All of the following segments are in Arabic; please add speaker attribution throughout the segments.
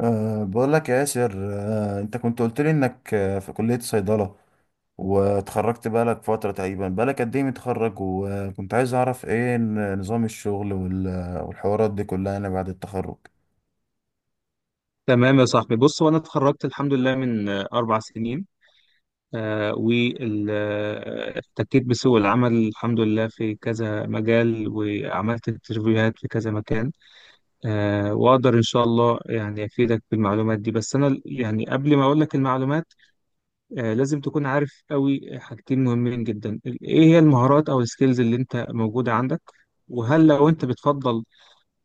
Speaker 1: أه، بقول لك يا ياسر. أه، انت كنت قلت لي انك في كلية صيدلة واتخرجت بقالك فترة تقريبا. بقالك قد ايه متخرج؟ وكنت عايز اعرف ايه نظام الشغل والحوارات دي كلها انا بعد التخرج.
Speaker 2: تمام يا صاحبي، بص هو انا اتخرجت الحمد لله من 4 سنين. واحتكيت بسوق العمل الحمد لله في كذا مجال، وعملت انترفيوهات في كذا مكان. واقدر ان شاء الله يعني افيدك بالمعلومات دي، بس انا يعني قبل ما اقول لك المعلومات لازم تكون عارف قوي حاجتين مهمين جدا، ايه هي المهارات او السكيلز اللي انت موجودة عندك، وهل لو انت بتفضل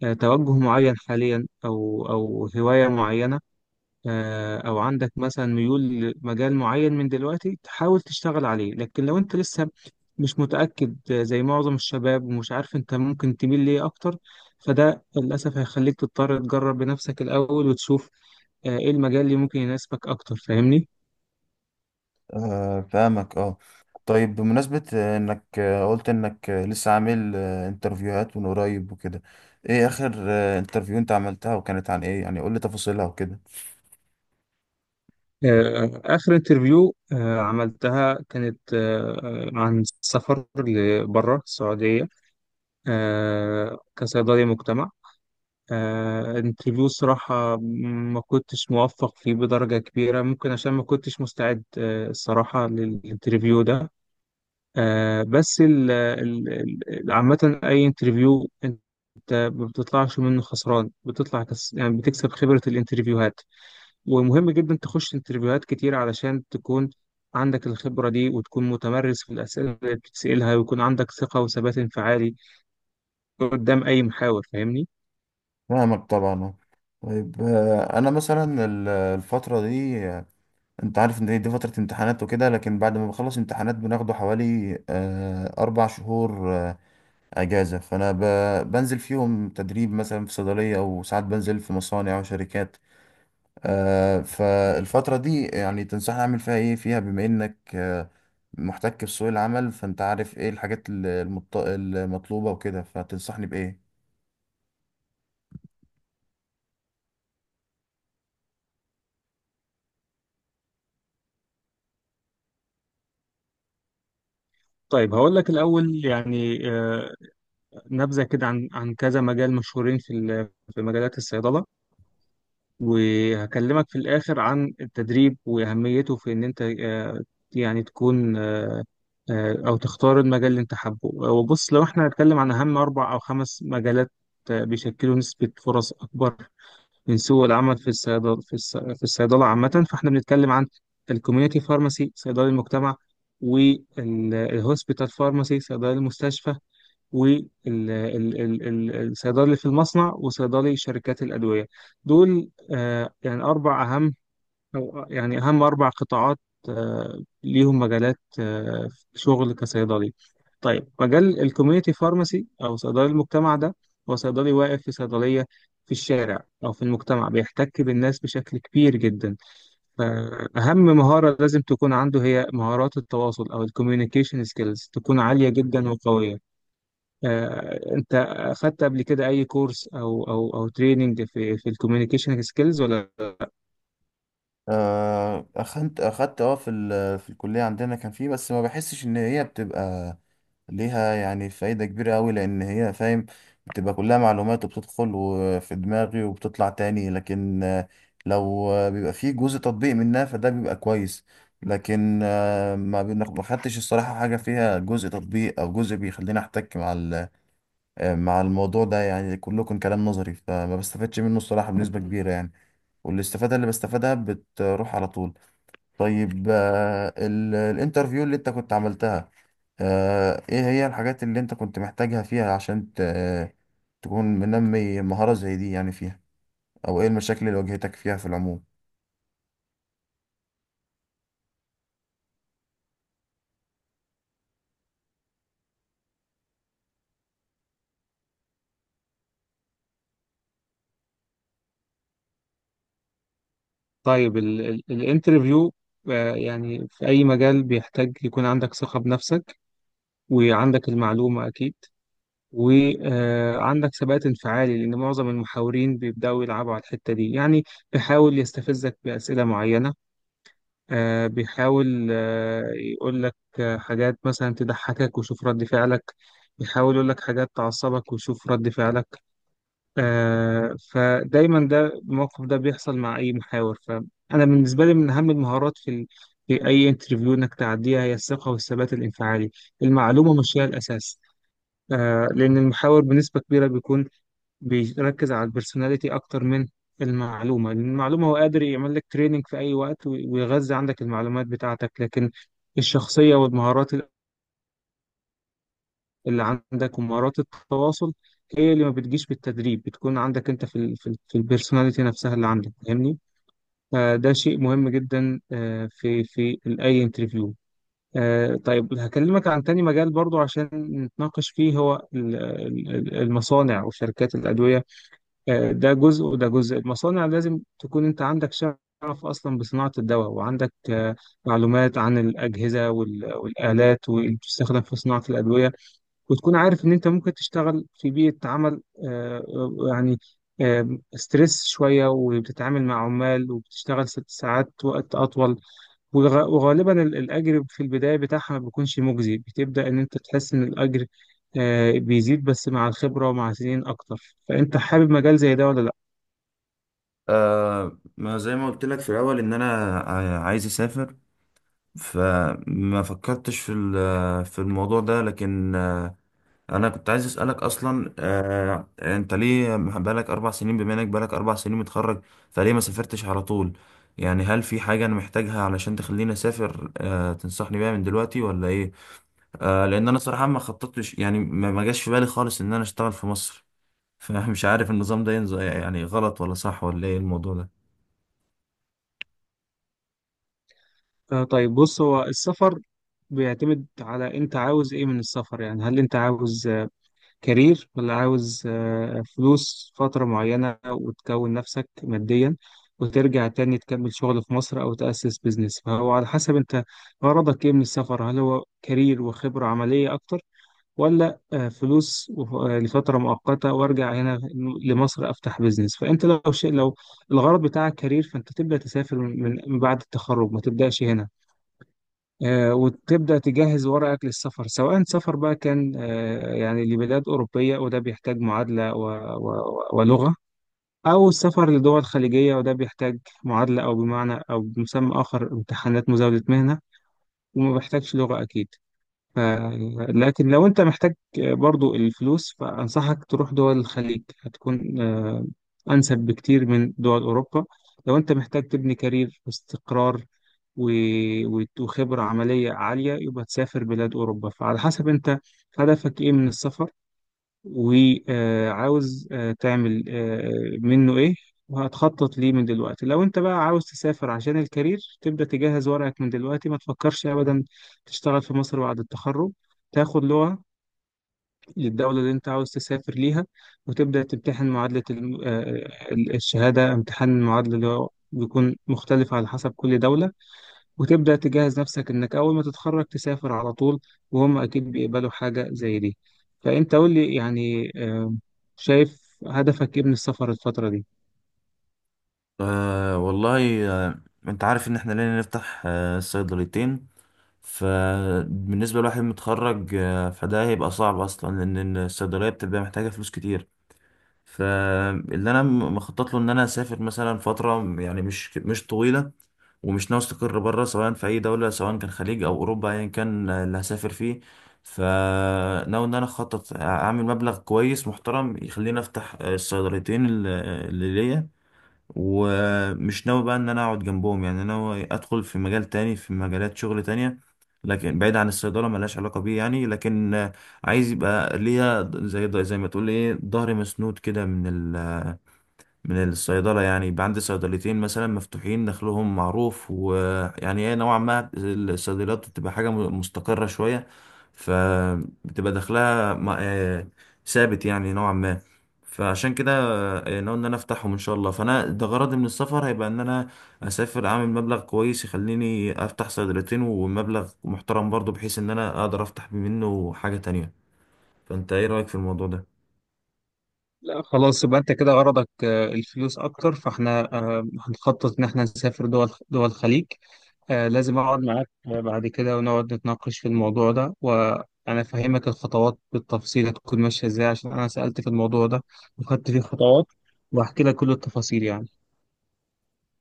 Speaker 2: توجه معين حاليا او هواية معينة، او عندك مثلا ميول لمجال معين من دلوقتي تحاول تشتغل عليه. لكن لو انت لسه مش متأكد، زي معظم الشباب، ومش عارف انت ممكن تميل ليه اكتر، فده للأسف هيخليك تضطر تجرب بنفسك الأول وتشوف ايه المجال اللي ممكن يناسبك اكتر. فاهمني؟
Speaker 1: أه، فاهمك، اه. طيب، بمناسبة انك قلت انك لسه عامل انترفيوهات من قريب وكده، ايه اخر انترفيو انت عملتها وكانت عن ايه؟ يعني قول لي تفاصيلها وكده.
Speaker 2: آخر انترفيو عملتها كانت عن السفر لبره السعودية، كصيدلي مجتمع. انترفيو صراحة ما كنتش موفق فيه بدرجة كبيرة، ممكن عشان ما كنتش مستعد الصراحة للانترفيو ده. بس عامة أي انترفيو أنت ما بتطلعش منه خسران، بتطلع كس... يعني بتكسب خبرة الانترفيوهات، ومهم جدا تخش انترفيوهات كتير علشان تكون عندك الخبرة دي، وتكون متمرس في الأسئلة اللي بتسألها، ويكون عندك ثقة وثبات انفعالي قدام أي محاور. فاهمني؟
Speaker 1: فاهمك طبعا، آه. طيب، انا مثلا الفترة دي، انت عارف ان دي فترة امتحانات وكده، لكن بعد ما بخلص امتحانات بناخده حوالي اربع شهور اجازة. فانا بنزل فيهم تدريب مثلا في صيدلية، او ساعات بنزل في مصانع وشركات. فالفترة دي يعني تنصحني اعمل فيها ايه فيها؟ بما انك محتك في سوق العمل، فانت عارف ايه الحاجات المطلوبة وكده، فتنصحني بايه؟
Speaker 2: طيب هقول لك الأول يعني نبذة كده عن كذا مجال مشهورين في مجالات الصيدلة، وهكلمك في الآخر عن التدريب وأهميته في إن أنت يعني تكون أو تختار المجال اللي أنت حابه. وبص، لو إحنا هنتكلم عن أهم 4 أو 5 مجالات بيشكلوا نسبة فرص أكبر من سوق العمل في الصيدلة، في الصيدلة عامة. فإحنا بنتكلم عن الكوميونيتي فارماسي صيدلي المجتمع، والهوسبيتال فارماسي صيدلي المستشفى، والصيدلي في المصنع، وصيدلي شركات الأدوية. دول يعني أربع أهم، أو يعني أهم 4 قطاعات ليهم مجالات شغل كصيدلي. طيب مجال الكوميونتي فارماسي أو صيدلي المجتمع ده هو صيدلي واقف في صيدلية في الشارع أو في المجتمع، بيحتك بالناس بشكل كبير جدا، فأهم مهارة لازم تكون عنده هي مهارات التواصل أو الكوميونيكيشن سكيلز، تكون عالية جدا وقوية. انت اخدت قبل كده اي كورس او تريننج في الكوميونيكيشن سكيلز ولا؟
Speaker 1: أخدت في في الكلية عندنا كان فيه، بس ما بحسش إن هي بتبقى ليها يعني فايدة كبيرة أوي، لأن هي، فاهم، بتبقى كلها معلومات وبتدخل وفي دماغي وبتطلع تاني. لكن لو بيبقى فيه جزء تطبيق منها فده بيبقى كويس، لكن ما خدتش الصراحة حاجة فيها جزء تطبيق أو جزء بيخليني أحتك مع مع الموضوع ده. يعني كله كان كلام نظري، فما بستفادش منه الصراحة بنسبة كبيرة يعني، والاستفادة اللي بستفادها بتروح على طول. طيب، الانترفيو اللي انت كنت عملتها، ايه هي الحاجات اللي انت كنت محتاجها فيها عشان تكون منمي مهارة زي دي يعني فيها؟ او ايه المشاكل اللي واجهتك فيها في العموم؟
Speaker 2: طيب الانترفيو يعني في اي مجال بيحتاج يكون عندك ثقة بنفسك، وعندك المعلومة اكيد، وعندك ثبات انفعالي، لان معظم المحاورين بيبداوا يلعبوا على الحتة دي يعني. بيحاول يستفزك بأسئلة معينة، بيحاول يقول لك حاجات مثلا تضحكك وشوف رد فعلك، بيحاول يقول لك حاجات تعصبك وشوف رد فعلك. فدايما ده الموقف ده بيحصل مع اي محاور. فانا بالنسبه لي، من اهم المهارات في اي انترفيو انك تعديها هي الثقه والثبات الانفعالي، المعلومه مش هي الاساس. لان المحاور بنسبه كبيره بيكون بيركز على البرسوناليتي اكتر من المعلومه، لان المعلومه هو قادر يعمل لك تريننج في اي وقت ويغذي عندك المعلومات بتاعتك، لكن الشخصيه والمهارات اللي عندك ومهارات التواصل هي اللي ما بتجيش بالتدريب، بتكون عندك انت في ال في, ال في البيرسوناليتي نفسها اللي عندك. فاهمني؟ فده شيء مهم جدا في اي انترفيو. طيب هكلمك عن تاني مجال برضو عشان نتناقش فيه، هو المصانع وشركات الأدوية. ده جزء وده جزء. المصانع لازم تكون انت عندك شغف أصلا بصناعة الدواء، وعندك معلومات عن الأجهزة والآلات واللي بتستخدم في صناعة الأدوية، وتكون عارف إن أنت ممكن تشتغل في بيئة عمل يعني ستريس شوية، وبتتعامل مع عمال، وبتشتغل 6 ساعات وقت أطول. وغالبا الأجر في البداية بتاعها ما بيكونش مجزي، بتبدأ إن أنت تحس إن الأجر بيزيد بس مع الخبرة، ومع سنين أكتر. فأنت حابب مجال زي ده ولا لأ؟
Speaker 1: آه، ما زي ما قلت لك في الاول ان انا عايز اسافر، فما فكرتش في في الموضوع ده، لكن انا كنت عايز اسالك اصلا، انت ليه بقالك اربع سنين؟ بما انك بقالك اربع سنين متخرج فليه ما سافرتش على طول؟ يعني هل في حاجه انا محتاجها علشان تخليني اسافر تنصحني بيها من دلوقتي، ولا ايه؟ لان انا صراحه ما خططتش، يعني ما جاش في بالي خالص ان انا اشتغل في مصر. فمش عارف النظام ده ينزل يعني غلط ولا صح، ولا ايه الموضوع ده؟
Speaker 2: طيب بص، هو السفر بيعتمد على أنت عاوز إيه من السفر. يعني هل أنت عاوز كارير، ولا عاوز فلوس فترة معينة، وتكون نفسك ماديا، وترجع تاني تكمل شغل في مصر أو تأسس بيزنس؟ فهو على حسب أنت غرضك إيه من السفر، هل هو كارير وخبرة عملية أكتر، ولا فلوس لفترة مؤقتة وأرجع هنا لمصر أفتح بيزنس. فأنت لو شيء، لو الغرض بتاعك كارير، فأنت تبدأ تسافر من بعد التخرج، ما تبدأش هنا، وتبدأ تجهز ورقك للسفر، سواء سفر بقى كان يعني لبلاد أوروبية، وده بيحتاج معادلة ولغة، أو السفر لدول خليجية وده بيحتاج معادلة، أو بمعنى أو بمسمى آخر امتحانات مزاولة مهنة، وما بيحتاجش لغة أكيد. ف- لكن لو انت محتاج برضو الفلوس، فأنصحك تروح دول الخليج، هتكون أنسب بكتير من دول أوروبا. لو انت محتاج تبني كارير واستقرار وخبرة عملية عالية، يبقى تسافر بلاد أوروبا. فعلى حسب انت هدفك ايه من السفر، وعاوز تعمل منه ايه، وهتخطط ليه من دلوقتي. لو انت بقى عاوز تسافر عشان الكارير، تبدأ تجهز ورقك من دلوقتي، ما تفكرش ابدا تشتغل في مصر بعد التخرج، تاخد لغة للدولة اللي انت عاوز تسافر ليها، وتبدأ تمتحن معادلة الشهادة، امتحان المعادلة اللي هو بيكون مختلف على حسب كل دولة، وتبدأ تجهز نفسك إنك أول ما تتخرج تسافر على طول، وهم أكيد بيقبلوا حاجة زي دي. فأنت قول لي يعني شايف هدفك إيه من السفر الفترة دي؟
Speaker 1: آه والله. انت عارف ان احنا لينا نفتح صيدليتين، فبالنسبة لواحد متخرج فده هيبقى صعب أصلا، لأن الصيدلية بتبقى محتاجة فلوس كتير. فاللي أنا مخطط له إن أنا أسافر مثلا فترة، يعني مش طويلة، ومش ناوي أستقر بره، سواء في أي دولة، سواء كان خليج أو أوروبا، أيا كان اللي هسافر فيه. فناوي إن أنا أخطط أعمل مبلغ كويس محترم يخليني أفتح الصيدليتين اللي ليا. ومش ناوي بقى ان انا اقعد جنبهم، يعني ناوي ادخل في مجال تاني، في مجالات شغل تانية، لكن بعيد عن الصيدلة ملهاش علاقة بيه يعني. لكن عايز يبقى ليا، زي ما تقول ايه، ظهري مسنود كده من ال من الصيدلة. يعني يبقى عندي صيدليتين مثلا مفتوحين دخلهم معروف، ويعني ايه، نوعا ما الصيدليات بتبقى حاجة مستقرة شوية، فبتبقى دخلها ثابت يعني نوعا ما. فعشان كده ناوي ان انا افتحهم ان شاء الله. فانا ده غرضي من السفر، هيبقى ان انا اسافر اعمل مبلغ كويس يخليني افتح صيدليتين، ومبلغ محترم برضو بحيث ان انا اقدر افتح منه حاجة تانية. فانت ايه رأيك في الموضوع ده؟
Speaker 2: لا خلاص، يبقى أنت كده غرضك الفلوس أكتر، فإحنا هنخطط إن إحنا نسافر دول الخليج. لازم أقعد معاك بعد كده، ونقعد نتناقش في الموضوع ده، وأنا أفهمك الخطوات بالتفصيل هتكون ماشية إزاي، عشان أنا سألت في الموضوع ده وخدت فيه خطوات، وهحكي لك كل التفاصيل يعني.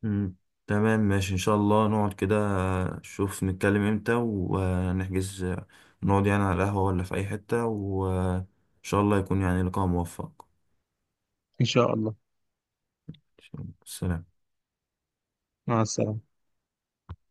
Speaker 1: مم. تمام، ماشي ان شاء الله نقعد كده نشوف، نتكلم امتى ونحجز، نقعد يعني على القهوة ولا في اي حتة، وان شاء الله يكون يعني لقاء موفق.
Speaker 2: إن شاء الله.
Speaker 1: سلام.
Speaker 2: مع السلامة.